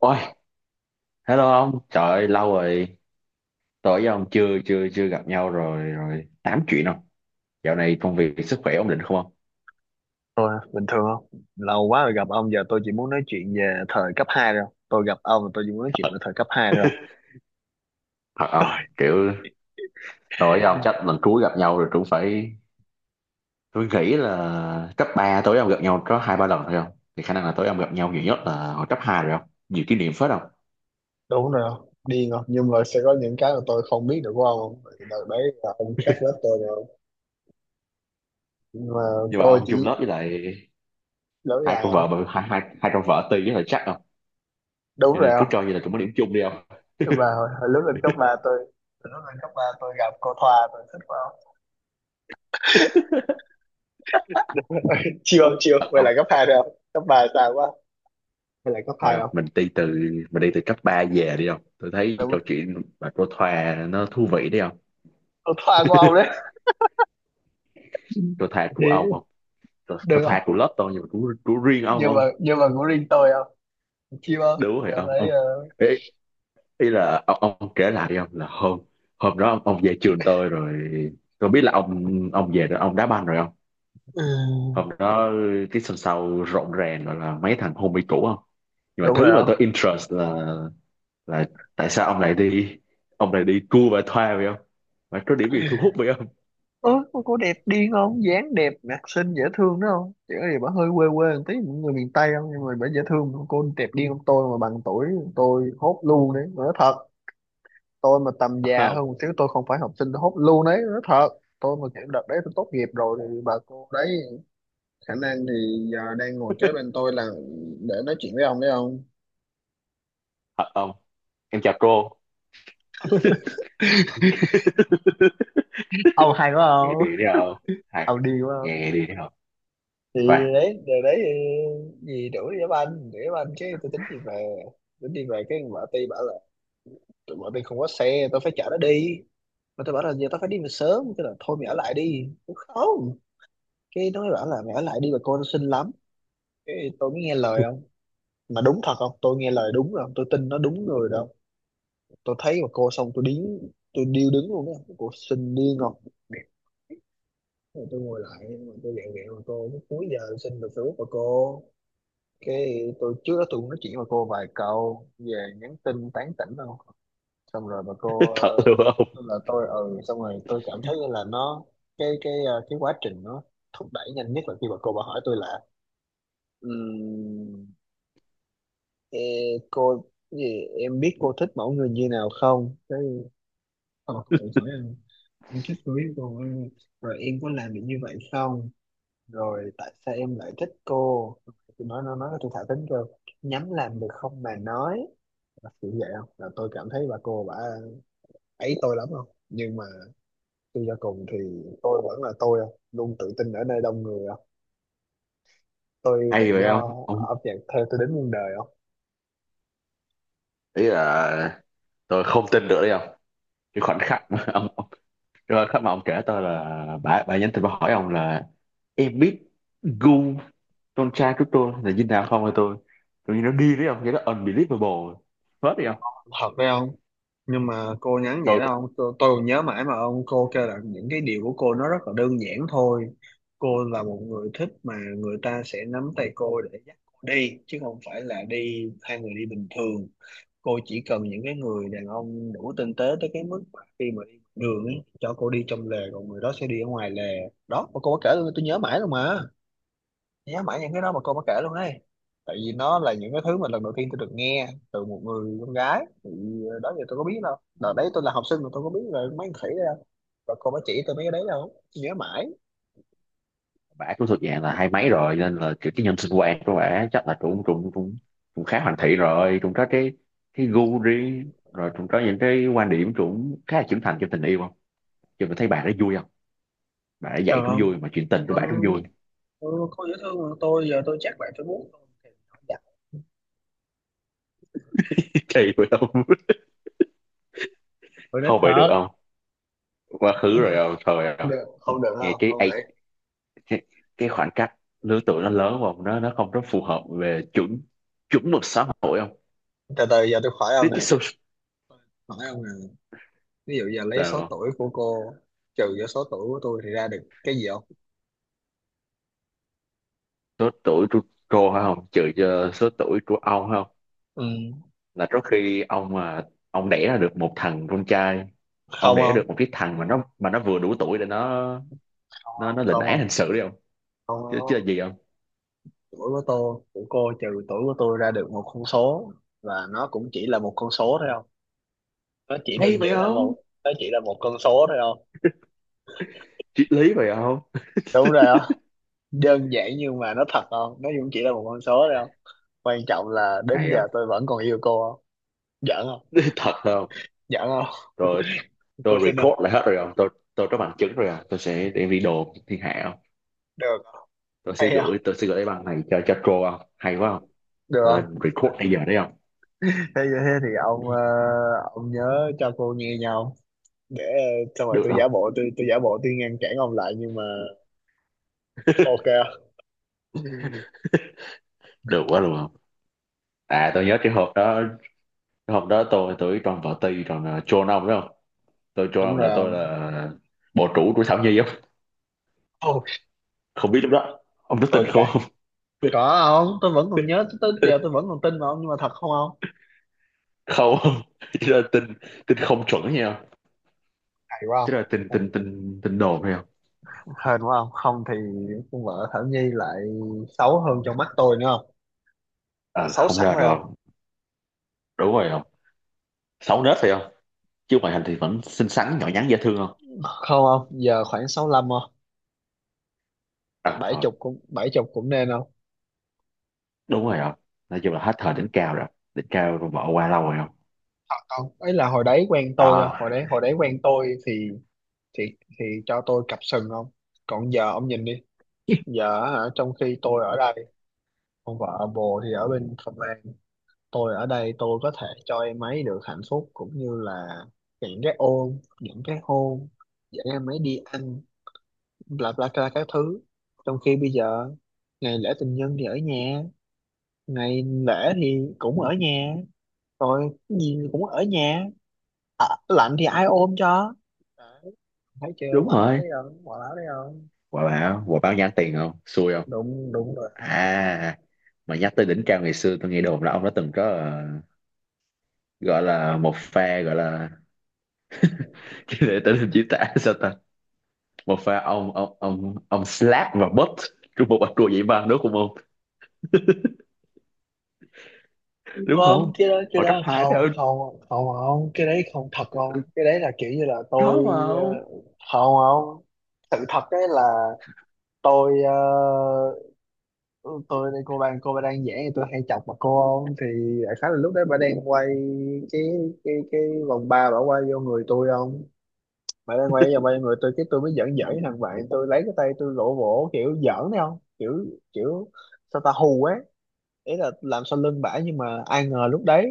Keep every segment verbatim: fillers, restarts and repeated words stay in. Ôi, hello ông, trời ơi, lâu rồi, tối với ông chưa chưa chưa gặp nhau rồi rồi tám chuyện không? Dạo này công việc sức khỏe ổn định không ông? Tôi bình thường không? Lâu quá rồi gặp ông, giờ tôi chỉ muốn nói chuyện về thời cấp hai thôi. Tôi gặp ông là tôi chỉ muốn nói chuyện về thời cấp hai thôi. Thật tôi không? Kiểu tối với ông chắc lần cuối gặp nhau rồi cũng phải. Tôi nghĩ là cấp ba tối với ông gặp nhau có hai ba lần thôi không? Thì khả năng là tối với ông gặp nhau nhiều nhất là hồi cấp hai rồi không? Nhiều kỷ niệm phết không? Đúng rồi không? Điên không, nhưng mà sẽ có những cái mà tôi không biết được của ông không? Tại vì đợt đấy là ông khác lớp tôi rồi, nhưng mà Nhưng mà tôi ông chung chỉ lớp với lại lỡ hai dài con không. vợ hai hai hai con vợ Ti với lại chắc không? Đúng Cho rồi nên cứ không? cho như là cũng có điểm chung đi không? Nhưng mà hồi, hồi lúc lên cấp ba tôi hồi lúc lên cấp ba tôi gặp cô Thoa, tôi thích quá không. Chiêu không chiêu, Thật vậy không? là cấp hai rồi không, cấp ba sao quá, vậy là cấp Thôi hai không, không. mình đi từ mình đi từ cấp ba về đi không? Tôi thấy Đúng, câu chuyện mà cô Thoa nó thú vị đấy không? cô Thoa của ông đấy. Cô Thoa của Thì ông không? Cô, cô được Thoa của không, lớp tôi nhưng mà của, của riêng ông nhưng mà không? nhưng mà của riêng tôi không. Chim không, Đúng rồi đợt ông thấy ông ờ, ý, ý là ông, ông kể lại đi ông, là hôm hôm đó ông, ông về trường tôi rồi, tôi biết là ông ông về rồi ông đá banh rồi không? ừ, Hôm đó cái sân sau rộn ràng, gọi là mấy thằng homie cũ không? Nhưng mà đúng thứ mà rồi không. tôi interest là là tại sao ông lại đi ông lại đi cua và thoa vậy không, mà có điểm gì thu hút vậy không? Ơ, cô cô đẹp điên không, dáng đẹp, mặt xinh, dễ thương đó không, chỉ có gì bà hơi quê quê một tí, những người miền Tây không, nhưng mà bà dễ thương mà. Cô đẹp điên không, tôi mà bằng tuổi tôi hốt luôn đấy nói thật. Tôi mà tầm Thật già không? hơn một xíu, tôi không phải học sinh, tôi hốt luôn đấy nói thật. Tôi mà kiểu đợt đấy tôi tốt nghiệp rồi thì bà cô đấy khả năng thì giờ đang ngồi kế bên tôi là để nói chuyện với ông đấy không. Thật không? Em chào cô. Ông hay quá Ngày không. đi đấy không? Hay Ông điên quá. ngày ngày đi đấy không? Thì Khoan. đấy điều đấy thì gì, đuổi đám anh đuổi đám anh, cái tôi tính đi về, tính đi về cái vợ tôi bảo là tụi vợ tôi không có xe, tôi phải chở nó đi. Mà tôi bảo là giờ tao phải đi về sớm, cái là thôi mày ở lại đi. Tôi không. Cái nó mới bảo là mày ở lại đi, bà cô nó xinh lắm. Cái tôi mới nghe lời không, mà đúng thật không, tôi nghe lời đúng rồi không. Tôi tin nó đúng người đâu. Tôi thấy bà cô xong tôi điếng, tôi điêu đứng luôn á, cô xinh điên ngọt. Rồi tôi ngồi lại mà tôi dặn mẹ bà cô, cuối giờ xin được Facebook bà cô, cái tôi trước đó tôi cũng nói chuyện với cô vài câu về nhắn tin tán tỉnh đâu. Xong rồi bà cô ờ, Thật luôn không? tôi là tôi ừ, xong rồi tôi cảm thấy như là nó cái cái ờ, cái quá trình nó thúc đẩy nhanh nhất là khi bà cô bà hỏi tôi là, um, cô cái gì em biết cô thích mẫu người như nào không, cái ờ, tôi hỏi em em thích cô biết cô, rồi em có làm được như vậy không, rồi tại sao em lại thích cô. Tôi nói, nó nói tôi thả thính, kêu nhắm làm được không mà nói. Là kiểu vậy không, là tôi cảm thấy bà cô bà ấy tôi lắm không, nhưng mà suy cho cùng thì tôi vẫn là tôi không, luôn tự tin ở nơi đông người không. Tôi Hay tự vậy do không ông? âm nhạc theo tôi đến muôn đời không. Ý là tôi không tin được đấy không. cái khoảnh khắc mà ông ông- cái khoảnh khắc mà ông kể tôi là bà bà nhắn tin, bà hỏi ông là em biết gu con trai của tôi là như nào không, hay tôi tôi nghĩ nó đi đấy không. Cái đó unbelievable hết đi không? Thật phải không? Nhưng mà cô nhắn vậy đó không, tôi, tôi còn nhớ mãi mà ông, cô kêu là những cái điều của cô nó rất là đơn giản thôi. Cô là một người thích mà người ta sẽ nắm tay cô để dắt cô đi chứ không phải là đi hai người đi bình thường. Cô chỉ cần những cái người đàn ông đủ tinh tế tới cái mức mà khi mà đi ngoài đường ấy, cho cô đi trong lề còn người đó sẽ đi ở ngoài lề. Đó mà cô có kể luôn, tôi nhớ mãi luôn mà, nhớ mãi những cái đó mà cô có kể luôn ấy, tại vì nó là những cái thứ mà lần đầu tiên tôi được nghe từ một người con gái thì ờ, đó giờ tôi có biết đâu, đợt đấy tôi là học sinh mà tôi có biết là mấy thằng khỉ đâu, và cô mới chỉ tôi mấy cái đấy đâu, tôi nhớ mãi. Bả cũng thuộc dạng là hai mấy rồi nên là kiểu cái nhân sinh quan của bả chắc là cũng cũng cũng cũng khá hoàn thiện rồi, cũng có cái cái gu riêng rồi, cũng có những cái quan điểm cũng khá là trưởng thành trong tình yêu không? Chứ mình thấy bà đó vui không, bà ấy dạy Được cũng không. vui mà chuyện tình của Ừ, bà cũng vui. ừ. Cô dễ thương mà, tôi giờ tôi chắc lại tôi muốn, Kỳ vậy không? tôi nít Không vậy được thật. không? Quá khứ rồi không thời không? Được không, được Nghe không, cái không age- nghĩ. cái, cái khoảng cách lứa tuổi nó lớn không, nó nó không có phù hợp về chuẩn chuẩn mực xã hội không? Từ từ giờ tôi khỏi ông cái nè. cái số. Phải không nào? Ví dụ giờ lấy Sao số không? tuổi của cô trừ vô số tuổi của tôi thì ra được cái gì không? Số tuổi của cô phải không, trừ cho số tuổi của ông phải không? Ừ. Là trước khi ông mà ông đẻ ra được một thằng con trai, ông Không đẻ không? được một cái thằng mà nó mà nó vừa đủ tuổi để nó Không nó nó không, lĩnh không án hình không. sự đi không? Không Chứ, chứ không. là gì không? Tuổi của tôi, của cô trừ tuổi của tôi ra được một con số, và nó cũng chỉ là một con số thôi không? Nó chỉ Hay đơn vậy giản là không? một, nó chỉ là một con số thôi không? Triết lý vậy không? Đúng rồi không. Đơn giản nhưng mà nó thật không, nó cũng chỉ là một con số thôi không. Quan trọng là đến Hay không? giờ tôi vẫn còn yêu cô không. Giỡn không? Thật không? Giỡn không? Rồi, Cô tôi xin không? record lại hết rồi không. Tôi tôi có bằng chứng rồi không, tôi sẽ đem đi đồn thiên hạ không. Được không? tôi sẽ Hay không? gửi tôi sẽ gửi cái băng này cho cho Tro không, hay quá không. Tôi Được. lên record bây giờ đấy không? Thế thế thì ông ờ, ông nhớ cho cô nghe nhau, để ờ, xong rồi Được tôi không? giả bộ tôi tôi giả bộ tôi ngăn cản ông lại, nhưng mà ok không? Ừ, Được quá luôn không? À, tôi nhớ cái hộp đó. Cái hôm đó tôi tôi với Tròn tì ti, còn uh, Tro ông, đúng không? Tôi cho đúng ông rồi là tôi không. là bộ chủ của Thảo Nhi không? Oh, Không biết lúc đó ông có tin tôi không? cay. Có không, tôi vẫn còn nhớ tới giờ, tôi vẫn còn tin mà ông, nhưng mà thật không, không. Không, chứ là tin tin không chuẩn nha, Hay quá chứ là tin. không. Tin tin tin đồn hay không? Hên quá không, không thì con vợ Thảo Nhi lại xấu hơn trong mắt tôi nữa không. Đã Ờ, xấu không sẵn ra rồi được không. không. Đúng rồi không, xấu nết phải không? Chứ ngoại hình thì vẫn xinh xắn, nhỏ nhắn, dễ thương không? Không không, giờ khoảng sáu lăm không. Tại À bảy thôi. chục cũng bảy chục cũng nên không. Đúng rồi không, nói chung là hết thời đỉnh cao rồi, đỉnh cao rồi bỏ qua lâu rồi không. Thật không, ấy là hồi đấy quen tôi không, À, hồi đấy hồi đấy quen tôi thì thì thì cho tôi cặp sừng không. Còn giờ ông nhìn đi, giờ hả, trong khi tôi ở đây, ông vợ bồ thì ở bên Phần Lan, tôi ở đây tôi có thể cho em ấy được hạnh phúc, cũng như là những cái ôm, những cái hôn, dẫn em ấy đi ăn, bla bla bla các thứ. Trong khi bây giờ ngày lễ tình nhân thì ở nhà, ngày lễ thì cũng ở nhà, rồi cái gì cũng ở nhà. À, lạnh thì ai ôm cho? Đấy, thấy chưa, đúng quả báo rồi, đấy không, quả báo đấy không. quả báo quả báo nhắn tiền không, xui không? Đụng đụng. À mà nhắc tới đỉnh cao ngày xưa, tôi nghe đồn là ông đã từng có ờ, gọi là một pha, gọi là để tên hình diễn tả sao ta, một pha ông ông ông ông slap và butt trong một bạch đùa vậy, mà đúng không ông? Đúng Không, không? cái đó cái Họ chấp đó hai đó. không không không không, cái đấy không thật không, Ừ, cái đấy là kiểu như là có tôi mà ông. ờ, không không, sự thật đấy là tôi ờ, tôi cô bạn cô bà đang vẽ thì tôi hay chọc mặt cô không, thì đại khái là lúc đấy bà đang quay cái cái cái vòng ba, bà quay vô người tôi không. Bà đang quay vào quay người tôi, cái tôi mới giỡn giỡn với thằng bạn, tôi lấy cái tay tôi vỗ vỗ kiểu giỡn đấy không, kiểu kiểu sao ta, hù ấy, ý là làm sau lưng bả, nhưng mà ai ngờ lúc đấy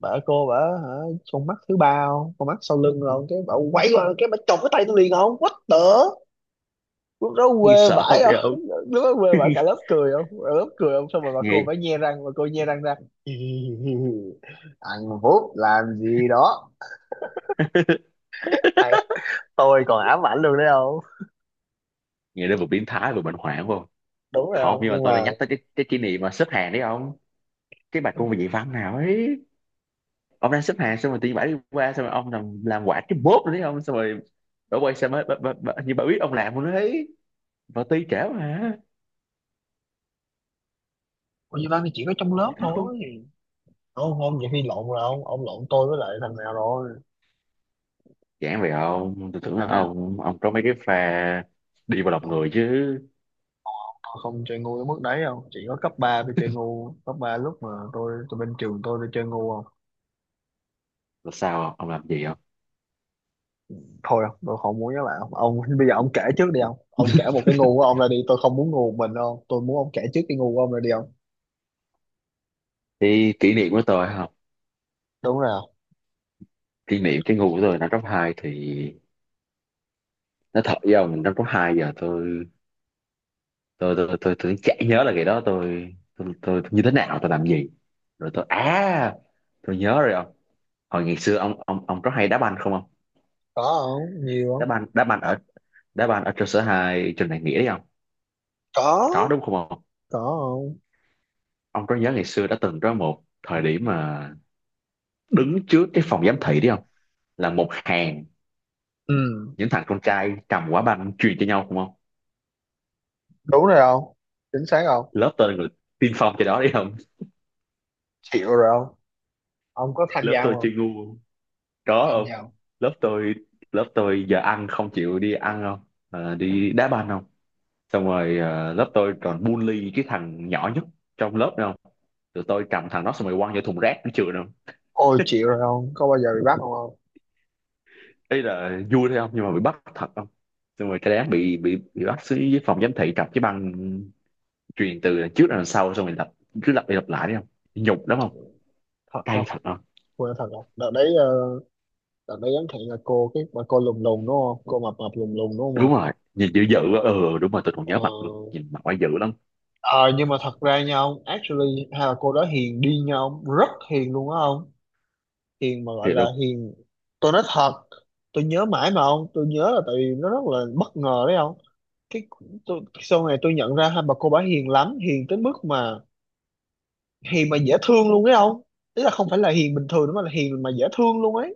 bà cô bả hả, con mắt thứ ba không, con mắt sau lưng không, cái bả quay qua cái bả chộp cái tay tôi liền không, what the. Lúc đó quê Nghe sợ vãi vậy ông. không, lúc đó quê vãi, cả lớp cười không, cả lớp cười không, xong rồi bà cô bả nghe nhe răng, bà cô nhe răng ra. Thằng Phúc làm gì đó Thầy, tôi còn ám ảnh luôn đấy không. nghe đến vừa biến thái vừa bệnh hoạn phải không? Đúng rồi Không, không, nhưng mà nhưng tôi đã mà. nhắc tới cái cái kỷ niệm mà xếp hàng đấy ông. Cái bài cô về nhị văn nào ấy, ông đang xếp hàng xong rồi tự nhiên bả đi qua, xong rồi ông làm làm quả cái bốp rồi đấy ông. Xong rồi bả quay xe mới bả, bả, bả, như bà biết ông làm luôn đấy, và ti trễ mà. Ủa, như ba thì chỉ có trong lớp Dám không? thôi. Không không, vậy khi lộn rồi không, ông lộn tôi với lại thằng nào rồi. Giảng về ông, tôi tưởng là Thằng nào ông ông có mấy cái pha đi vào lòng còn? người chứ. Họ không chơi ngu tới mức đấy đâu, chỉ có cấp ba tôi chơi ngu, cấp ba lúc mà tôi tôi bên trường tôi tôi chơi ngu không. Là sao ông làm gì không? Thôi không, tôi không muốn với bạn ông, bây giờ ông kể trước đi không, ông kể một cái ngu của ông ra đi, tôi không muốn ngu một mình đâu, tôi muốn ông kể trước cái ngu của ông ra đi không. Thì kỷ niệm của tôi không? Đúng rồi không. Kỷ niệm cái ngu của tôi năm cấp hai thì nó thật với ông. Năm cấp hai giờ tôi tôi tôi tôi, tôi, tôi, chả nhớ là ngày đó tôi tôi, tôi, tôi như thế nào, tôi làm gì. Rồi tôi. À, tôi nhớ rồi ông. Hồi ngày xưa ông ông ông có hay đá banh không ông? Có không, nhiều đá không. banh đá banh ở đá banh ở trường sở hai, trường đại nghĩa đấy không? Có. Có đúng không ông? Có không. Ông có nhớ ngày xưa đã từng có một thời điểm mà đứng trước cái phòng giám thị đấy không, là một hàng Ừ, những thằng con trai cầm quả banh truyền cho nhau không không đúng rồi không. Chính xác không. lớp tôi là người tiên phong cho đó đấy không. Chịu rồi không. Ông có tham Lớp gia tôi không. chơi ngu không? Có Có làm không. giàu. Lớp tôi lớp tôi giờ ăn không chịu đi ăn không. Ờ, đi đá banh không. Xong rồi ờ, lớp tôi còn bully cái thằng nhỏ nhất trong lớp nữa không. Tụi tôi cầm thằng đó xong rồi quăng vô thùng rác của trường không. Ôi chịu rồi không, có bao giờ bị bắt không, không. Đấy là vui thôi không, nhưng mà bị bắt thật không. Xong rồi cái đám bị bị bị bắt xuống dưới phòng giám thị cầm cái băng truyền từ đằng trước ra đằng sau, xong mình lặp, cứ lặp đi lặp lại đấy không, nhục lắm không, Thật cay không. thật không. Quên thật không, đợt đấy ờ, đợt đấy ấn hẹn là cô cái bà cô lùn lùn đúng không, cô mập mập lùn lùn đúng Đúng không. rồi, nhìn dữ dữ quá. Ừ, đúng rồi, tôi còn Ờ. nhớ mặt luôn, nhìn mặt quá dữ lắm. Ờ, nhưng mà thật ra nha ông, actually hai bà cô đó hiền đi nha ông, rất hiền luôn á ông. Hiền mà gọi Thiệt là luôn. hiền, tôi nói thật, tôi nhớ mãi mà ông, tôi nhớ là tại vì nó rất là bất ngờ đấy ông. Cái tôi, sau này tôi nhận ra hai bà cô bả hiền lắm, hiền tới mức mà hiền mà dễ thương luôn đấy ông, ý là không phải là hiền bình thường nữa mà là hiền mà dễ thương luôn ấy.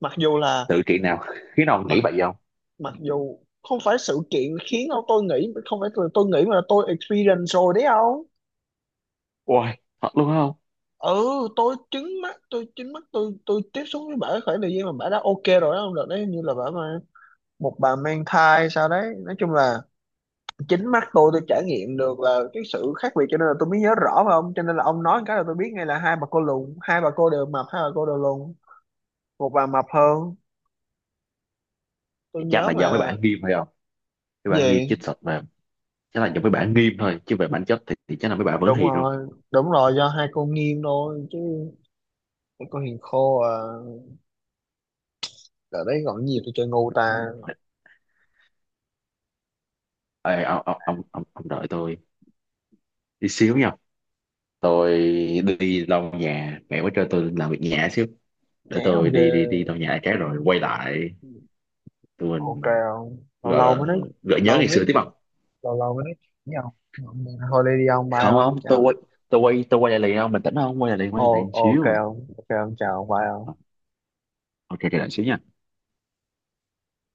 mặc dù là Tự kỷ nào. Khi nào mặc nghĩ vậy không? Mặc dù không phải sự kiện khiến ông tôi nghĩ, không phải là tôi nghĩ mà là tôi experience rồi đấy không. Ôi, thật luôn không? Ừ. tôi chứng mắt tôi chứng mắt tôi tôi tiếp xúc với bả khoảng thời gian mà bả đã ok rồi đó không, được đấy, như là bả mà một bà mang thai sao đấy, nói chung là chính mắt tôi tôi trải nghiệm được là cái sự khác biệt, cho nên là tôi mới nhớ rõ mà ông, cho nên là ông nói cái là tôi biết ngay, là hai bà cô lùn, hai bà cô đều mập, hai bà cô đều lùn, một bà mập hơn, tôi Chắc nhớ là do mấy mà. bạn nghiêm phải không, mấy bạn nghiêm Gì? chích sạch mà. Chắc là do mấy bạn nghiêm thôi, chứ về bản chất thì, thì chắc là mấy bạn vẫn Đúng hiền luôn. rồi, đúng rồi, do hai cô nghiêng thôi chứ có hiền khô à, ở đấy còn nhiều tôi chơi ngu ta. Ê, ông, ông, ông, ông, ông đợi tôi đi xíu nha. Tôi đi lau nhà, mẹ mới cho tôi làm việc nhà xíu. Để Ké tôi không ghê. đi đi đi lau nhà cái rồi quay lại. Tụi Ok mình không. Lâu gọi lâu là mới nói, gợi nhớ lâu ngày mới xưa nói tiếp chuyện không? lâu lâu mới nói chuyện với ông, thôi đi đi ông, bye Không, không, ông, tôi chào. quay. Tôi quay tôi quay lại liền không. Bình tĩnh không, quay lại liền, Ồ, quay lại liền ok xíu. ông, ok ông, chào ông, bye ông. Ờ, ok quay lại xíu nha.